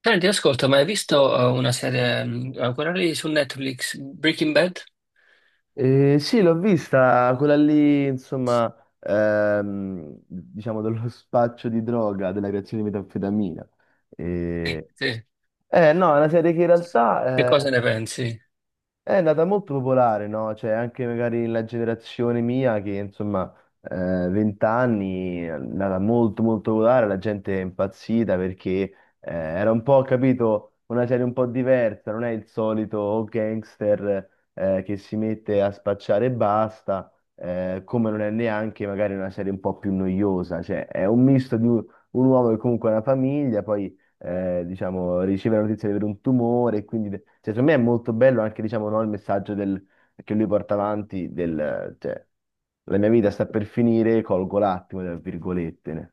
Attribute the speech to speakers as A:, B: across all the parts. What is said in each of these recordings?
A: Senti, ascolta, ma hai visto una serie, quella lì su Netflix, Breaking Bad?
B: Sì, l'ho vista, quella lì, insomma, diciamo dello spaccio di droga, della creazione di metanfetamina.
A: Sì,
B: Eh,
A: sì.
B: no, è una serie che in
A: Che
B: realtà
A: cosa ne pensi?
B: è andata molto popolare, no? Cioè, anche magari la generazione mia, che insomma, eh, 20 anni, è andata molto molto popolare, la gente è impazzita perché era un po', capito, una serie un po' diversa, non è il solito gangster che si mette a spacciare e basta, come non è neanche magari una serie un po' più noiosa, cioè è un misto di un uomo che comunque ha una famiglia, poi diciamo, riceve la notizia di avere un tumore, e quindi, cioè, secondo me è molto bello anche, diciamo, no, il messaggio che lui porta avanti cioè, la mia vita sta per finire, colgo l'attimo, tra virgolette. Ne.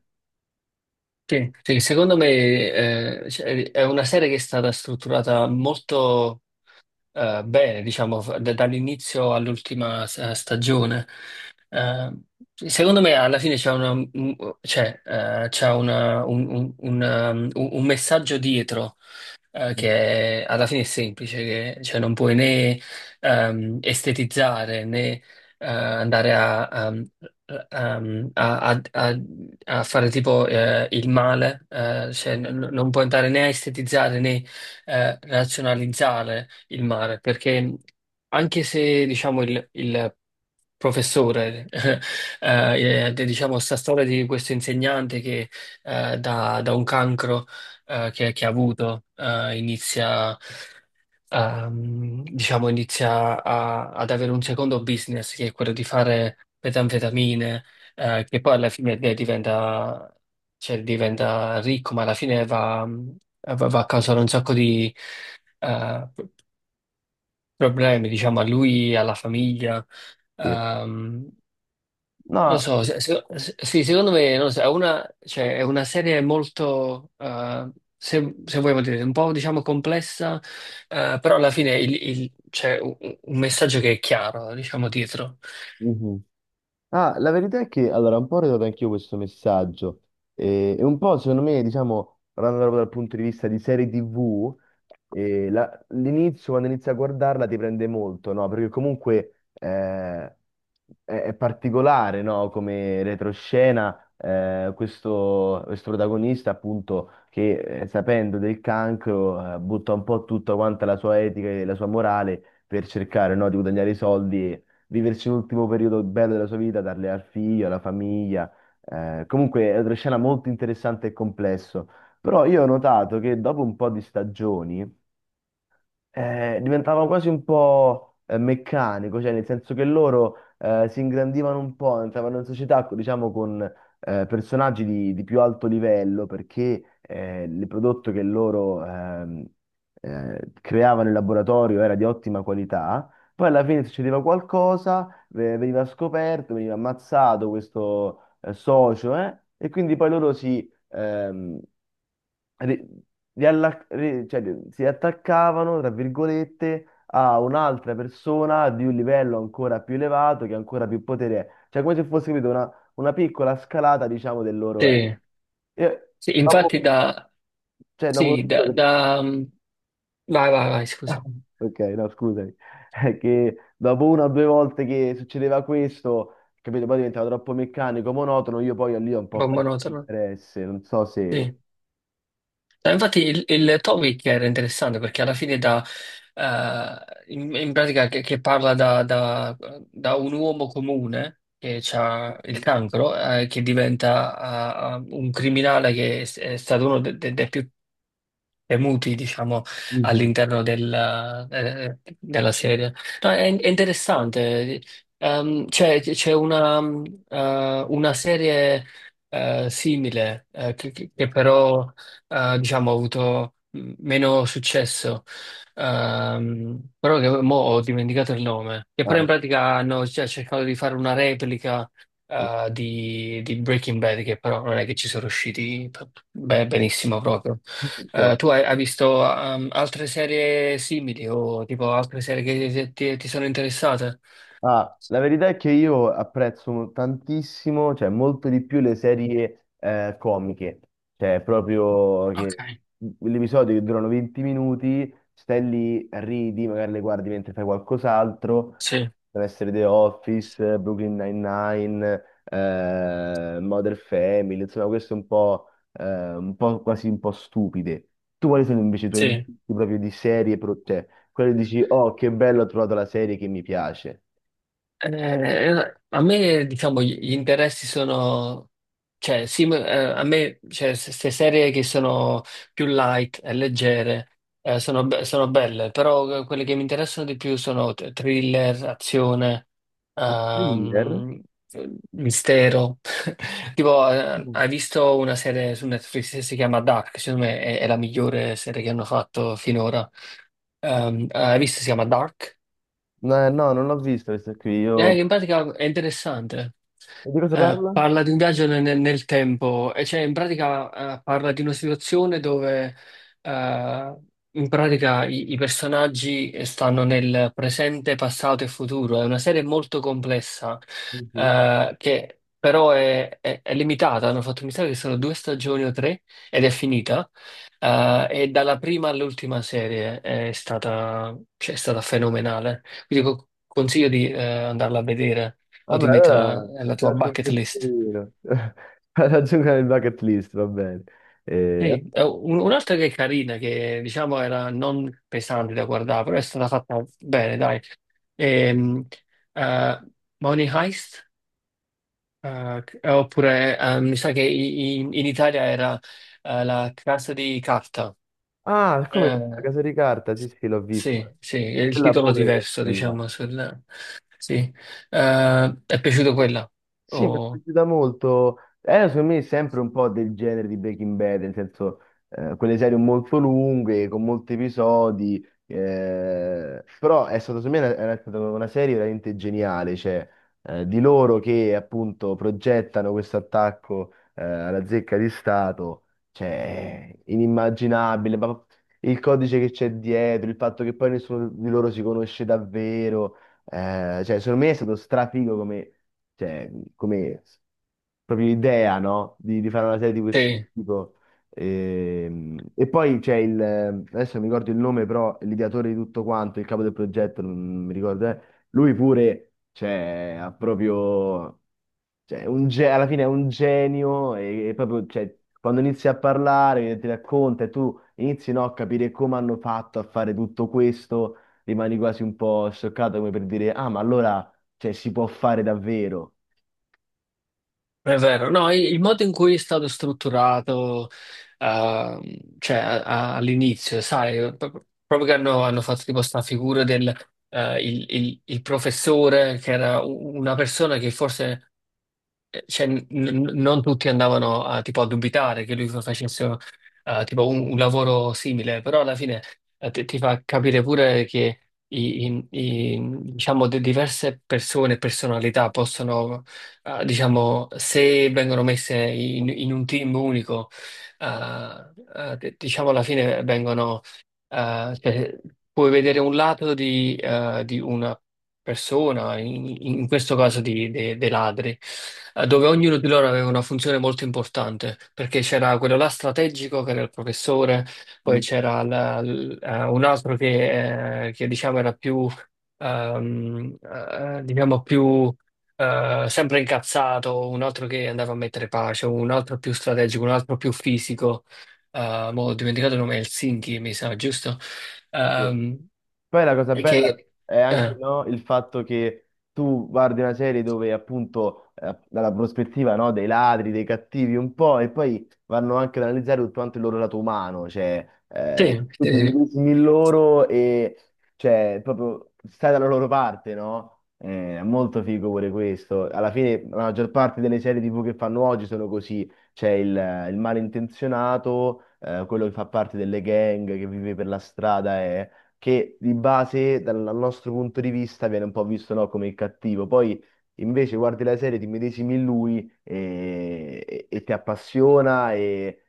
A: Sì, sì, secondo me cioè, è una serie che è stata strutturata molto bene, diciamo, dall'inizio all'ultima stagione. Eh, secondo me alla fine un messaggio dietro che alla fine è semplice, che, cioè non puoi né estetizzare né andare ehm, a- a- a- a fare tipo il male, cioè non puoi andare né a estetizzare né razionalizzare il male, perché anche se diciamo il professore, diciamo sta storia di questo insegnante che da un cancro che ha avuto, inizia, diciamo, inizia a- ad avere un secondo business che è quello di fare metanfetamine, che poi alla fine cioè, diventa ricco, ma alla fine va a causare un sacco di eh, problemi, diciamo, a lui, alla famiglia.
B: Sì.
A: Ehm, non lo
B: No,
A: so, sì, secondo me non lo so, cioè, è una serie molto, se vogliamo dire, un po' diciamo complessa, però alla fine c'è un messaggio che è chiaro, diciamo, dietro.
B: mhm. Ah, la verità è che, allora, un po' ho ritrovato anch'io questo messaggio, e un po', secondo me, diciamo, parlando proprio dal punto di vista di serie TV. L'inizio, quando inizi a guardarla, ti prende molto, no? Perché comunque è particolare, no? Come retroscena, questo protagonista, appunto, che sapendo del cancro, butta un po' tutta quanta la sua etica e la sua morale per cercare, no, di guadagnare i soldi e viverci l'ultimo periodo bello della sua vita, darle al figlio, alla famiglia. Comunque è una retroscena molto interessante e complesso. Però io ho notato che dopo un po' di stagioni diventava quasi un po' meccanico, cioè nel senso che loro si ingrandivano un po', entravano in società, diciamo, con personaggi di più alto livello, perché il prodotto che loro creavano in laboratorio era di ottima qualità. Poi alla fine succedeva qualcosa, veniva scoperto, veniva ammazzato questo socio, e quindi poi loro si, ri- rialla- ri- cioè, ri- si attaccavano, tra virgolette, a un'altra persona di un livello ancora più elevato, che ha ancora più potere. Cioè, come se fosse, capito, una piccola scalata, diciamo, del loro è.
A: Sì,
B: E
A: sì, infatti
B: dopo,
A: da...
B: cioè, dopo...
A: Sì. Vai, vai, vai, scusa, un
B: Ok, no, scusami. È che dopo una o due volte che succedeva questo, capito, poi diventava troppo meccanico, monotono, io poi lì ho un po'
A: po'
B: perso
A: monotono.
B: interesse, non so se...
A: Sì. No, infatti il topic era interessante perché alla fine in pratica che parla da un uomo comune che ha il cancro, che diventa un criminale che è stato uno dei più muti, diciamo,
B: Mhm.
A: all'interno del, della serie. No, è interessante. C'è una serie simile che però diciamo, ha avuto meno successo, però che mo ho dimenticato il nome, che però in
B: Ah,
A: pratica hanno cioè, cercato di fare una replica
B: ok.
A: di Breaking Bad, che però non è che ci sono riusciti benissimo proprio. Eh,
B: Ok.
A: tu hai visto altre serie simili o tipo altre serie che ti sono interessate?
B: Ah, la verità è che io apprezzo tantissimo, cioè molto di più le serie comiche, cioè proprio
A: Ok.
B: che gli episodi che durano 20 minuti, stai lì, ridi, magari le guardi mentre fai qualcos'altro,
A: Sì,
B: deve essere The Office, Brooklyn Nine-Nine, Modern Family, insomma queste un po' quasi un po' stupide. Tu quali sono invece i tuoi
A: sì.
B: gusti proprio di serie, cioè quelle dici, oh che bello ho trovato la serie che mi piace?
A: A me, diciamo, gli interessi sono, cioè, sì, ma, a me, cioè, queste serie che sono più light e leggere, sono belle, però quelle che mi interessano di più sono thriller, azione,
B: A thriller?
A: ehm, mistero. Tipo,
B: Mm.
A: hai visto una serie su Netflix che si chiama Dark? Secondo me è la migliore serie che hanno fatto finora. Hai visto? Si chiama Dark?
B: No, non l'ho vista questa qui.
A: Eh,
B: Io...
A: in pratica è interessante.
B: E di cosa
A: Eh,
B: parla?
A: parla di un viaggio nel tempo, e cioè in pratica parla di una situazione dove eh, in pratica i personaggi stanno nel presente, passato e futuro. È una serie molto complessa
B: Mhm.
A: che però è limitata. Hanno fatto, mi sa che sono due stagioni o tre ed è finita. E dalla prima all'ultima serie cioè, è stata fenomenale. Quindi consiglio di andarla a vedere o di
B: Vabbè,
A: metterla
B: allora
A: nella
B: ti
A: tua
B: lascio un
A: bucket list.
B: pensierino. Raggiungo il bucket list, va bene. Eh,
A: Sì, un'altra che è carina, che diciamo era non pesante da guardare, però è stata fatta bene, dai. Ehm, eh, Money Heist, oppure mi sa che in Italia era La casa di carta.
B: Ah, come La
A: Eh,
B: Casa di Carta? Sì, sì, l'ho vista.
A: sì, sì, è il
B: Quella
A: titolo
B: pure
A: diverso,
B: è bella.
A: diciamo. Sì. È piaciuto quella?
B: Sì, mi è
A: O-
B: piaciuta molto. Era secondo me sempre un po' del genere di Breaking Bad, nel senso quelle serie molto lunghe, con molti episodi, però è stata secondo me era stata una serie veramente geniale, cioè di loro che appunto progettano questo attacco alla zecca di Stato, cioè inimmaginabile, ma il codice che c'è dietro, il fatto che poi nessuno di loro si conosce davvero. Cioè, secondo me è stato strafigo come, cioè, come proprio idea, no? Di fare una serie di questo
A: sì.
B: tipo. E, poi c'è adesso non mi ricordo il nome, però l'ideatore di tutto quanto, il capo del progetto, non mi ricordo, lui pure, cioè, ha proprio, cioè, un alla fine è un genio e proprio, cioè, quando inizi a parlare, ti racconta e tu inizi, no, a capire come hanno fatto a fare tutto questo rimani quasi un po' scioccato come per dire, ah, ma allora, cioè, si può fare davvero.
A: È vero, no, il modo in cui è stato strutturato, cioè all'inizio, sai, proprio che hanno fatto tipo sta figura del il professore, che era una persona che forse cioè, non tutti andavano tipo, a dubitare che lui facesse tipo un lavoro simile, però alla fine ti fa capire pure che i- i- i- diciamo, diverse persone, e personalità possono, diciamo, se vengono messe in un team unico, eh, diciamo alla fine vengono, cioè, puoi vedere un lato di una persona, in questo caso dei ladri, dove ognuno di loro aveva una funzione molto importante, perché c'era quello là strategico che era il professore, poi
B: Mm.
A: c'era un altro che, diciamo era diciamo più sempre incazzato, un altro che andava a mettere pace, un altro più strategico, un altro più fisico. Mo ho dimenticato il nome, Helsinki, mi sa, giusto?
B: Sì.
A: Ehm,
B: Poi la cosa bella
A: che,
B: è anche
A: eh,
B: no, il fatto che tu guardi una serie dove appunto dalla prospettiva no, dei ladri, dei cattivi un po' e poi vanno anche ad analizzare tutto quanto il loro lato umano, cioè
A: Sì, sì,
B: tutti i
A: sì.
B: medesimi in loro e cioè proprio stai dalla loro parte, no? È molto figo pure questo. Alla fine la maggior parte delle serie TV che fanno oggi sono così. C'è il malintenzionato, quello che fa parte delle gang, che vive per la strada, che di base, dal nostro punto di vista, viene un po' visto, no, come il cattivo. Poi invece guardi la serie, ti medesimi in lui e ti appassiona e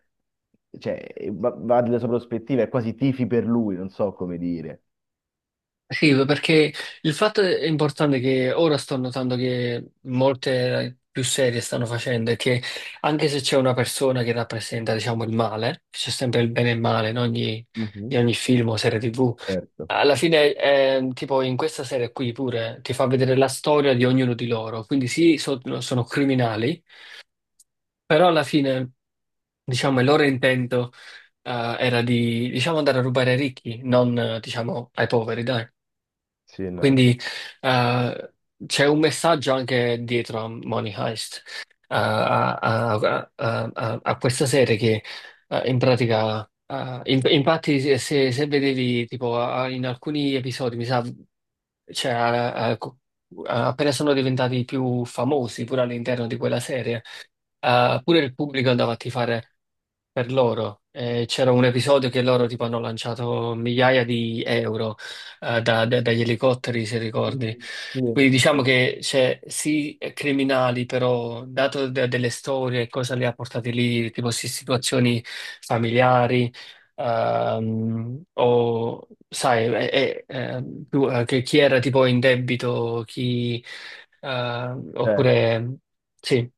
B: cioè, e va, va della sua prospettiva, è quasi tifi per lui, non so come dire.
A: Sì, perché il fatto è importante che ora sto notando che molte più serie stanno facendo è che anche se c'è una persona che rappresenta, diciamo, il male, c'è sempre il bene e il male in ogni,
B: Mhm.
A: in ogni film o serie TV,
B: Certo.
A: alla fine, tipo in questa serie qui pure ti fa vedere la storia di ognuno di loro, quindi sì, no, sono criminali, però alla fine, diciamo, il loro intento eh, era di, diciamo, andare a rubare ai ricchi, non, diciamo, ai poveri, dai.
B: Sì, no.
A: Quindi eh, c'è un messaggio anche dietro a Money Heist, eh, a, a- a questa serie che in pratica, infatti se vedevi tipo in alcuni episodi, mi sa, cioè, appena sono diventati più famosi pure all'interno di quella serie, pure il pubblico andava a tifare per loro. C'era un episodio che loro tipo hanno lanciato migliaia di euro dagli elicotteri, se
B: Mhm.
A: ricordi.
B: Sì,
A: Quindi diciamo
B: sì.
A: che c'è sì criminali, però dato delle storie, cosa li ha portati lì, tipo sì, situazioni familiari, o sai, che chi era tipo in debito, chi, eh,
B: Certo.
A: oppure sì.